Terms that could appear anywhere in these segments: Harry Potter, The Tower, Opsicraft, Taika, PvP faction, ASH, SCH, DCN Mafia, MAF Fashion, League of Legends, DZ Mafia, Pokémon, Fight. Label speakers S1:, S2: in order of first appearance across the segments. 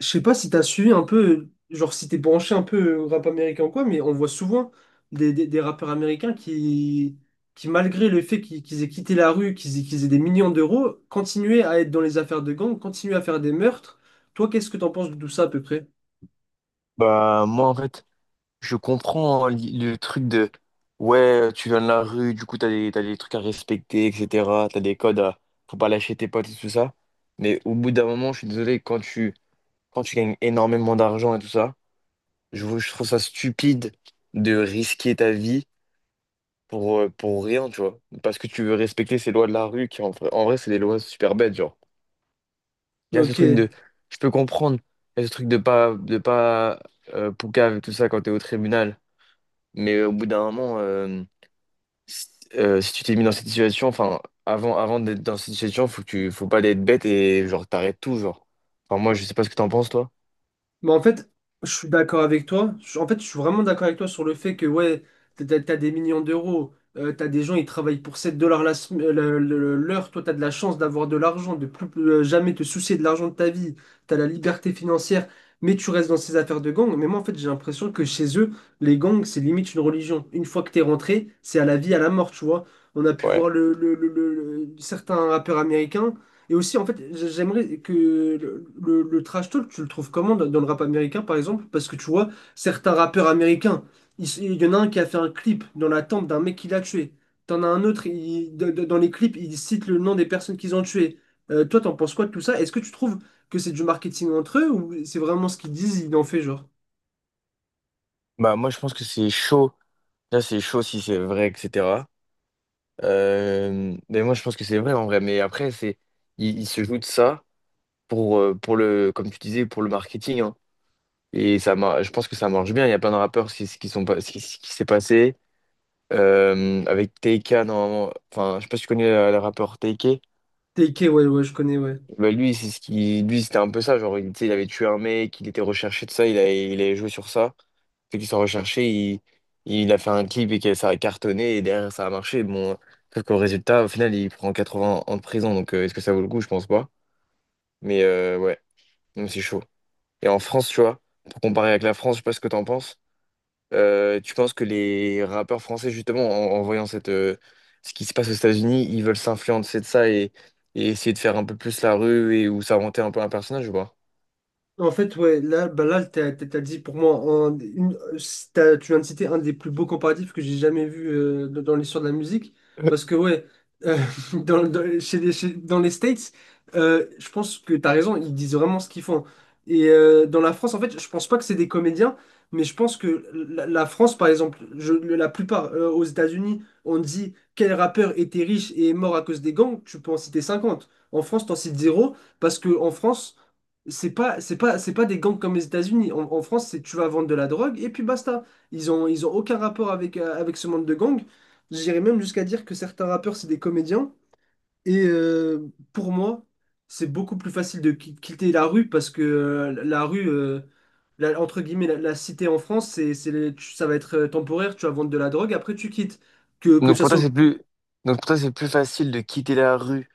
S1: Je sais pas si t'as suivi un peu, genre si t'es branché un peu au rap américain ou quoi, mais on voit souvent des rappeurs américains qui malgré le fait qu'ils aient quitté la rue, qu'ils aient des millions d'euros, continuaient à être dans les affaires de gang, continuaient à faire des meurtres. Toi, qu'est-ce que t'en penses de tout ça à peu près?
S2: Bah, moi, en fait, je comprends, hein, le truc de ouais, tu viens de la rue, du coup, t'as des trucs à respecter, etc. T'as des codes à. Faut pas lâcher tes potes et tout ça. Mais au bout d'un moment, je suis désolé, quand tu gagnes énormément d'argent et tout ça, je trouve ça stupide de risquer ta vie pour rien, tu vois. Parce que tu veux respecter ces lois de la rue qui, en vrai, c'est des lois super bêtes, genre. Il y a ce
S1: Ok.
S2: truc de. Je peux comprendre. Il y a ce truc de pas poucave et tout ça quand t'es au tribunal. Mais au bout d'un moment, si, si tu t'es mis dans cette situation, enfin, avant d'être dans cette situation, faut pas être bête et genre t'arrêtes tout, genre. Enfin, moi, je sais pas ce que t'en penses, toi.
S1: Mais en fait, je suis d'accord avec toi. En fait, je suis vraiment d'accord avec toi sur le fait que, ouais, t'as des millions d'euros, t'as des gens, ils travaillent pour 7 dollars la sem- le- l'heure. Toi, t'as de la chance d'avoir de l'argent, de plus jamais te soucier de l'argent de ta vie, t'as la liberté financière, mais tu restes dans ces affaires de gang. Mais moi, en fait, j'ai l'impression que chez eux, les gangs, c'est limite une religion. Une fois que t'es rentré, c'est à la vie, à la mort, tu vois. On a pu
S2: Ouais.
S1: voir certains rappeurs américains. Et aussi, en fait, j'aimerais que le trash talk, tu le trouves comment dans le rap américain, par exemple? Parce que tu vois, certains rappeurs américains, y en a un qui a fait un clip dans la tente d'un mec qui l'a tué. T'en as un autre, dans les clips, il cite le nom des personnes qu'ils ont tuées. Toi, t'en penses quoi de tout ça? Est-ce que tu trouves que c'est du marketing entre eux ou c'est vraiment ce qu'ils disent, ils en fait genre?
S2: Bah, moi, je pense que c'est chaud. Là, c'est chaud si c'est vrai, etc. Mais moi, je pense que c'est vrai en vrai. Mais après, il se joue de ça comme tu disais, pour le marketing, hein. Et ça, je pense que ça marche bien. Il y a plein de rappeurs, c'est ce qui sont pas, ce qui s'est passé. Avec Taika, normalement, enfin, je sais pas si tu connais, le rappeur Taika.
S1: TK, ouais, ouais, je connais, ouais.
S2: Bah, lui, c'est ce qui, lui, c'était un peu ça. Genre, il, tu sais, il avait tué un mec, il était recherché de ça, il avait joué sur ça. Fait qu'il soit recherché, il a fait un clip et que ça a cartonné et derrière ça a marché. Bon, sauf qu'au résultat, au final, il prend 80 ans de prison. Donc, est-ce que ça vaut le coup? Je pense pas. Mais ouais, donc c'est chaud. Et en France, tu vois, pour comparer avec la France, je sais pas ce que t'en penses. Tu penses que les rappeurs français, justement, en voyant ce qui se passe aux États-Unis, ils veulent s'influencer de ça et essayer de faire un peu plus la rue et ou s'inventer un peu un personnage ou pas?
S1: En fait, ouais, là, bah là, t'as dit pour moi, un- une- tu viens de citer un des plus beaux comparatifs que j'ai jamais vu dans l'histoire de la musique.
S2: Euh,
S1: Parce que, ouais, euh, dans les States, je pense que t'as raison, ils disent vraiment ce qu'ils font. Et dans la France, en fait, je pense pas que c'est des comédiens, mais je pense que la France, par exemple, la plupart aux États-Unis, on dit quel rappeur était riche et est mort à cause des gangs, tu peux en citer 50. En France, t'en cites zéro, parce que en France, c'est pas des gangs comme les États-Unis. En France, c'est tu vas vendre de la drogue et puis basta. Ils ont aucun rapport avec ce monde de gangs. J'irais même jusqu'à dire que certains rappeurs, c'est des comédiens. Et pour moi, c'est beaucoup plus facile de quitter la rue parce que la rue, entre guillemets, la cité en France, ça va être temporaire. Tu vas vendre de la drogue, après tu quittes. Que
S2: Donc
S1: ça
S2: pour toi,
S1: soit.
S2: c'est plus... Donc pour toi, c'est plus facile de quitter la rue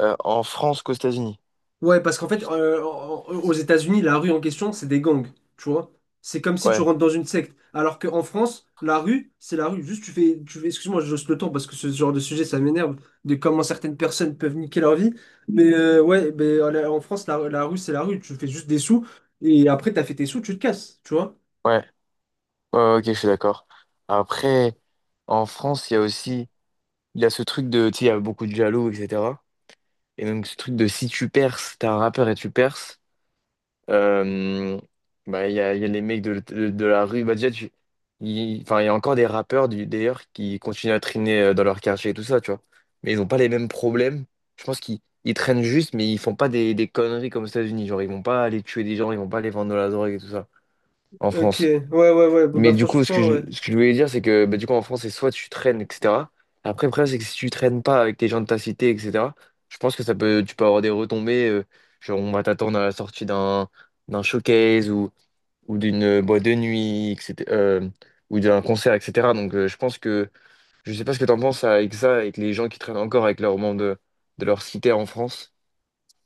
S2: en France qu'aux États-Unis.
S1: Ouais, parce qu'en fait, aux États-Unis, la rue en question, c'est des gangs, tu vois. C'est comme si tu
S2: Ouais,
S1: rentres dans une secte. Alors qu'en France, la rue, c'est la rue. Juste, tu fais, excuse-moi, je hausse le ton parce que ce genre de sujet, ça m'énerve de comment certaines personnes peuvent niquer leur vie. Mais ouais, ben, en France, la rue, c'est la rue. Tu fais juste des sous et après, t'as fait tes sous, tu te casses, tu vois.
S2: ouais, ouais, ouais, ok, je suis d'accord. Après, en France, il y a aussi, il y a ce truc de, tu sais, il y a beaucoup de jaloux, etc. Et donc ce truc de si tu perces, t'es un rappeur et tu perces. Euh, bah, il y a les mecs de la rue. Bah, déjà, enfin, il y a encore des rappeurs d'ailleurs qui continuent à traîner, dans leur quartier et tout ça, tu vois. Mais ils n'ont pas les mêmes problèmes. Je pense qu'ils ils traînent juste, mais ils font pas des conneries comme aux États-Unis. Genre, ils vont pas aller tuer des gens, ils vont pas aller vendre de la drogue et tout ça en
S1: Ok,
S2: France.
S1: ouais, ouais, ouais, bah, bah,
S2: Mais du coup, ce que
S1: franchement, ouais.
S2: je voulais dire, c'est que bah, du coup, en France, c'est soit tu traînes, etc. Après, le problème, c'est que si tu traînes pas avec les gens de ta cité, etc., je pense que tu peux avoir des retombées. Genre, on va t'attendre à la sortie d'un showcase ou d'une boîte de nuit, etc., ou d'un concert, etc. Donc, je pense je sais pas ce que t'en penses avec ça, avec les gens qui traînent encore avec leurs membres de leur cité en France.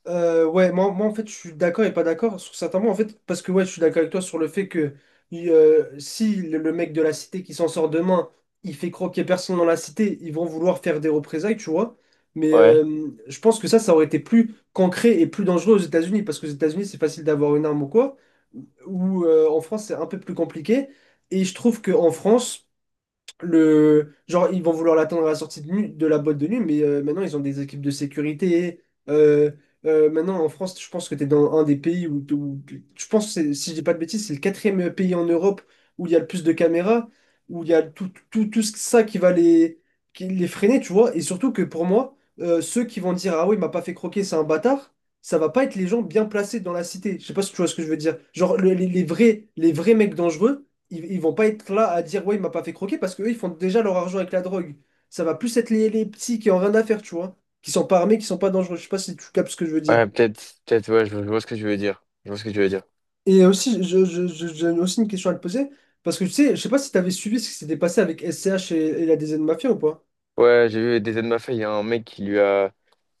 S1: Ouais, moi en fait je suis d'accord et pas d'accord sur certains mots en fait parce que ouais je suis d'accord avec toi sur le fait que si le mec de la cité qui s'en sort demain il fait croquer personne dans la cité ils vont vouloir faire des représailles, tu vois. Mais
S2: Ouais,
S1: je pense que ça aurait été plus concret et plus dangereux aux États-Unis parce qu'aux États-Unis c'est facile d'avoir une arme ou quoi, ou en France c'est un peu plus compliqué. Et je trouve que en France genre, ils vont vouloir l'attendre à la sortie de la boîte de nuit, mais maintenant, ils ont des équipes de sécurité. Euh, Maintenant, en France, je pense que tu es dans un des pays où, je pense, si je dis pas de bêtises, c'est le quatrième pays en Europe où il y a le plus de caméras, où il y a tout, tout, tout ça qui va qui les freiner, tu vois. Et surtout que pour moi, ceux qui vont dire, ah oui, il m'a pas fait croquer, c'est un bâtard, ça va pas être les gens bien placés dans la cité. Je sais pas si tu vois ce que je veux dire. Genre, les vrais mecs dangereux ils vont pas être là à dire ouais, il m'a pas fait croquer, parce qu'eux, ils font déjà leur argent avec la drogue. Ça va plus être les petits qui ont rien à faire, tu vois, qui sont pas armés, qui sont pas dangereux. Je sais pas si tu captes ce que je veux dire.
S2: ouais, peut-être, peut-être, ouais, je vois ce que tu veux dire. Je vois ce que tu veux dire.
S1: Et aussi, j'ai aussi une question à te poser, parce que tu sais, je sais pas si tu avais suivi ce qui s'était passé avec S SCH et la DZ Mafia ou pas.
S2: Ouais, j'ai vu des aides de ma fille, il y a un mec qui lui a.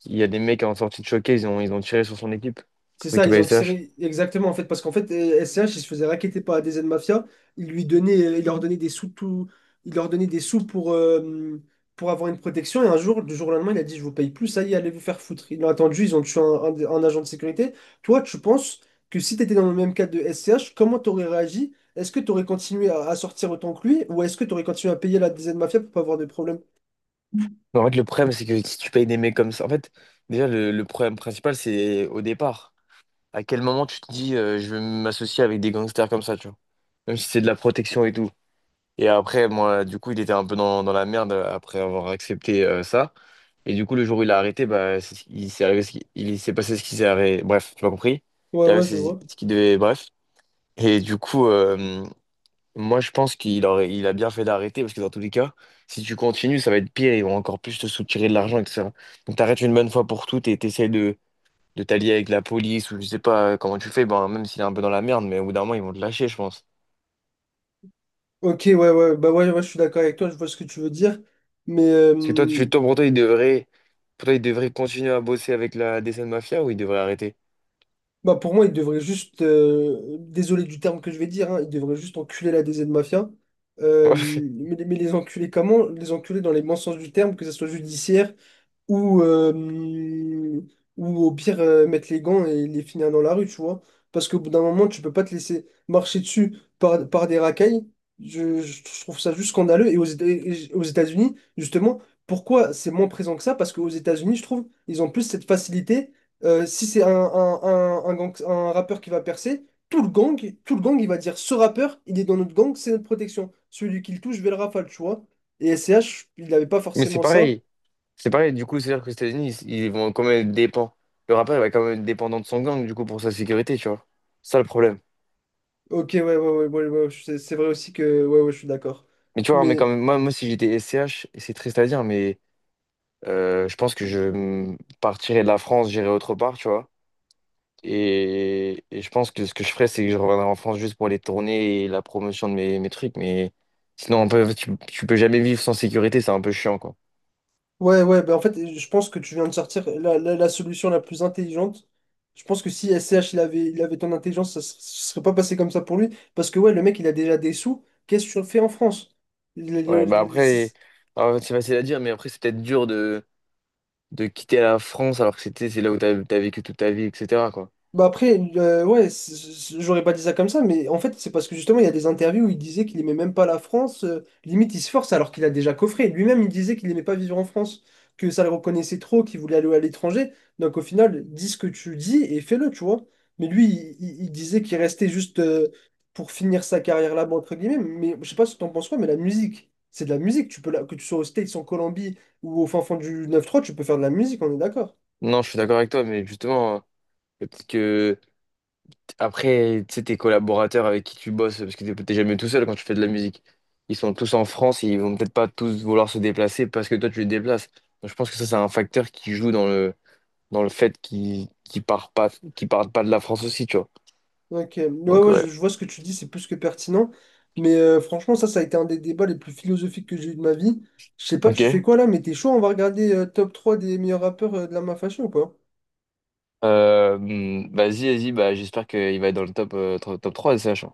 S2: Il y a des mecs en sortie de showcase, ils ont tiré sur son équipe,
S1: C'est ça,
S2: l'équipe
S1: ils ont
S2: ASH.
S1: tiré, exactement. En fait, parce qu'en fait, SCH, ils se faisait racketter par des aides mafia, il lui donnait ils leur donnait des sous tout, il leur donnait des sous pour avoir une protection. Et un jour, du jour au lendemain, il a dit, je vous paye plus, ça y est, allez vous faire foutre. Ils l'ont attendu, ils ont tué un agent de sécurité. Toi, tu penses que si tu étais dans le même cas de SCH, comment t'aurais réagi? Est-ce que tu aurais continué à sortir autant que lui, ou est-ce que tu aurais continué à payer la des aides mafia pour pas avoir de problème?
S2: Mais en fait, le problème, c'est que si tu payes des mecs comme ça, en fait, déjà, le problème principal, c'est au départ. À quel moment tu te dis, je vais m'associer avec des gangsters comme ça, tu vois? Même si c'est de la protection et tout. Et après, moi, du coup, il était un peu dans la merde après avoir accepté ça. Et du coup, le jour où il a arrêté, bah, il s'est passé ce qui s'est arrivé. Bref, tu m'as compris? Il
S1: Ouais,
S2: s'est arrivé
S1: ouais, je vois.
S2: ce qui devait. Bref. Et du coup. euh, Moi, je pense il a bien fait d'arrêter parce que dans tous les cas, si tu continues, ça va être pire. Ils vont encore plus te soutirer de l'argent, etc. Donc, t'arrêtes une bonne fois pour toutes et t'essaies de t'allier avec la police ou je sais pas comment tu fais. Ben, même s'il est un peu dans la merde, mais au bout d'un moment, ils vont te lâcher, je pense.
S1: Ok, ouais, ouais, bah ouais, ouais, je suis d'accord avec toi, je vois ce que tu veux dire. Mais,
S2: Parce que toi, tu fais toi pour toi, pour toi, il devrait continuer à bosser avec la DCN Mafia ou il devrait arrêter.
S1: bah pour moi, il devrait juste, désolé du terme que je vais dire, hein, il devrait juste enculer la DZ Mafia.
S2: Ouais.
S1: Mais les enculer comment? Les enculer dans les bons sens du terme, que ce soit judiciaire, ou ou au pire mettre les gants et les finir dans la rue, tu vois. Parce qu'au bout d'un moment, tu peux pas te laisser marcher dessus par des racailles. Je trouve ça juste scandaleux. Et aux États-Unis, justement, pourquoi c'est moins présent que ça? Parce qu'aux États-Unis, je trouve, ils ont plus cette facilité. Si c'est un rappeur qui va percer, tout le gang, il va dire ce rappeur, il est dans notre gang, c'est notre protection. Celui qui le touche, je vais le rafale, tu vois. Et SCH, il n'avait pas
S2: Mais c'est
S1: forcément ça.
S2: pareil. C'est pareil. Du coup, c'est-à-dire que les États-Unis, ils vont quand même être dépend. Le rappeur, il va quand même être dépendant de son gang, du coup, pour sa sécurité, tu vois. C'est ça le problème.
S1: Ok, ouais, ouais, ouais, ouais, ouais, c'est vrai aussi que, ouais, ouais, je suis d'accord.
S2: Mais tu vois, mais
S1: Mais,
S2: quand même, moi, si j'étais SCH, et c'est triste à dire, mais je pense que je partirais de la France, j'irais autre part, tu vois. Et je pense que ce que je ferais, c'est que je reviendrais en France juste pour les tournées et la promotion de mes trucs. Mais sinon, tu peux jamais vivre sans sécurité, c'est un peu chiant, quoi.
S1: ouais, ouais, bah en fait, je pense que tu viens de sortir la solution la plus intelligente. Je pense que si SCH il avait ton intelligence, ça ne serait pas passé comme ça pour lui. Parce que, ouais, le mec, il a déjà des sous. Qu'est-ce que tu fais en France? Il- il-
S2: Ouais, bah
S1: il-
S2: après, alors, c'est facile à dire, mais après, c'est peut-être dur de quitter la France alors que c'est là où t'as vécu toute ta vie, etc., quoi.
S1: Bah après, ouais, j'aurais pas dit ça comme ça, mais en fait, c'est parce que justement, il y a des interviews où il disait qu'il aimait même pas la France. Limite, il se force alors qu'il a déjà coffré. Lui-même, il disait qu'il aimait pas vivre en France, que ça le reconnaissait trop, qu'il voulait aller à l'étranger. Donc au final, dis ce que tu dis et fais-le, tu vois. Mais lui, il disait qu'il restait juste pour finir sa carrière là-bas, entre guillemets. Mais je sais pas ce que t'en penses, quoi, mais la musique, c'est de la musique. Tu peux que tu sois aux States, en Colombie ou au fin fond du 9-3, tu peux faire de la musique, on est d'accord.
S2: Non, je suis d'accord avec toi, mais justement, peut-être que. Après, tu sais, tes collaborateurs avec qui tu bosses, parce que t'es jamais tout seul quand tu fais de la musique. Ils sont tous en France et ils vont peut-être pas tous vouloir se déplacer parce que toi, tu les déplaces. Donc, je pense que ça, c'est un facteur qui joue dans le fait qu'ils partent pas de la France aussi, tu vois.
S1: Ok, ouais,
S2: Donc,
S1: ouais, je,
S2: ouais.
S1: je vois ce que tu dis, c'est plus que pertinent. Mais franchement, ça a été un des débats les plus philosophiques que j'ai eu de ma vie. Je sais pas,
S2: Ok.
S1: tu fais quoi là, mais t'es chaud, on va regarder top 3 des meilleurs rappeurs de la MAF Fashion ou quoi?
S2: Vas-y, vas-y, bah, j'espère qu'il va être dans le top, 3 de SH.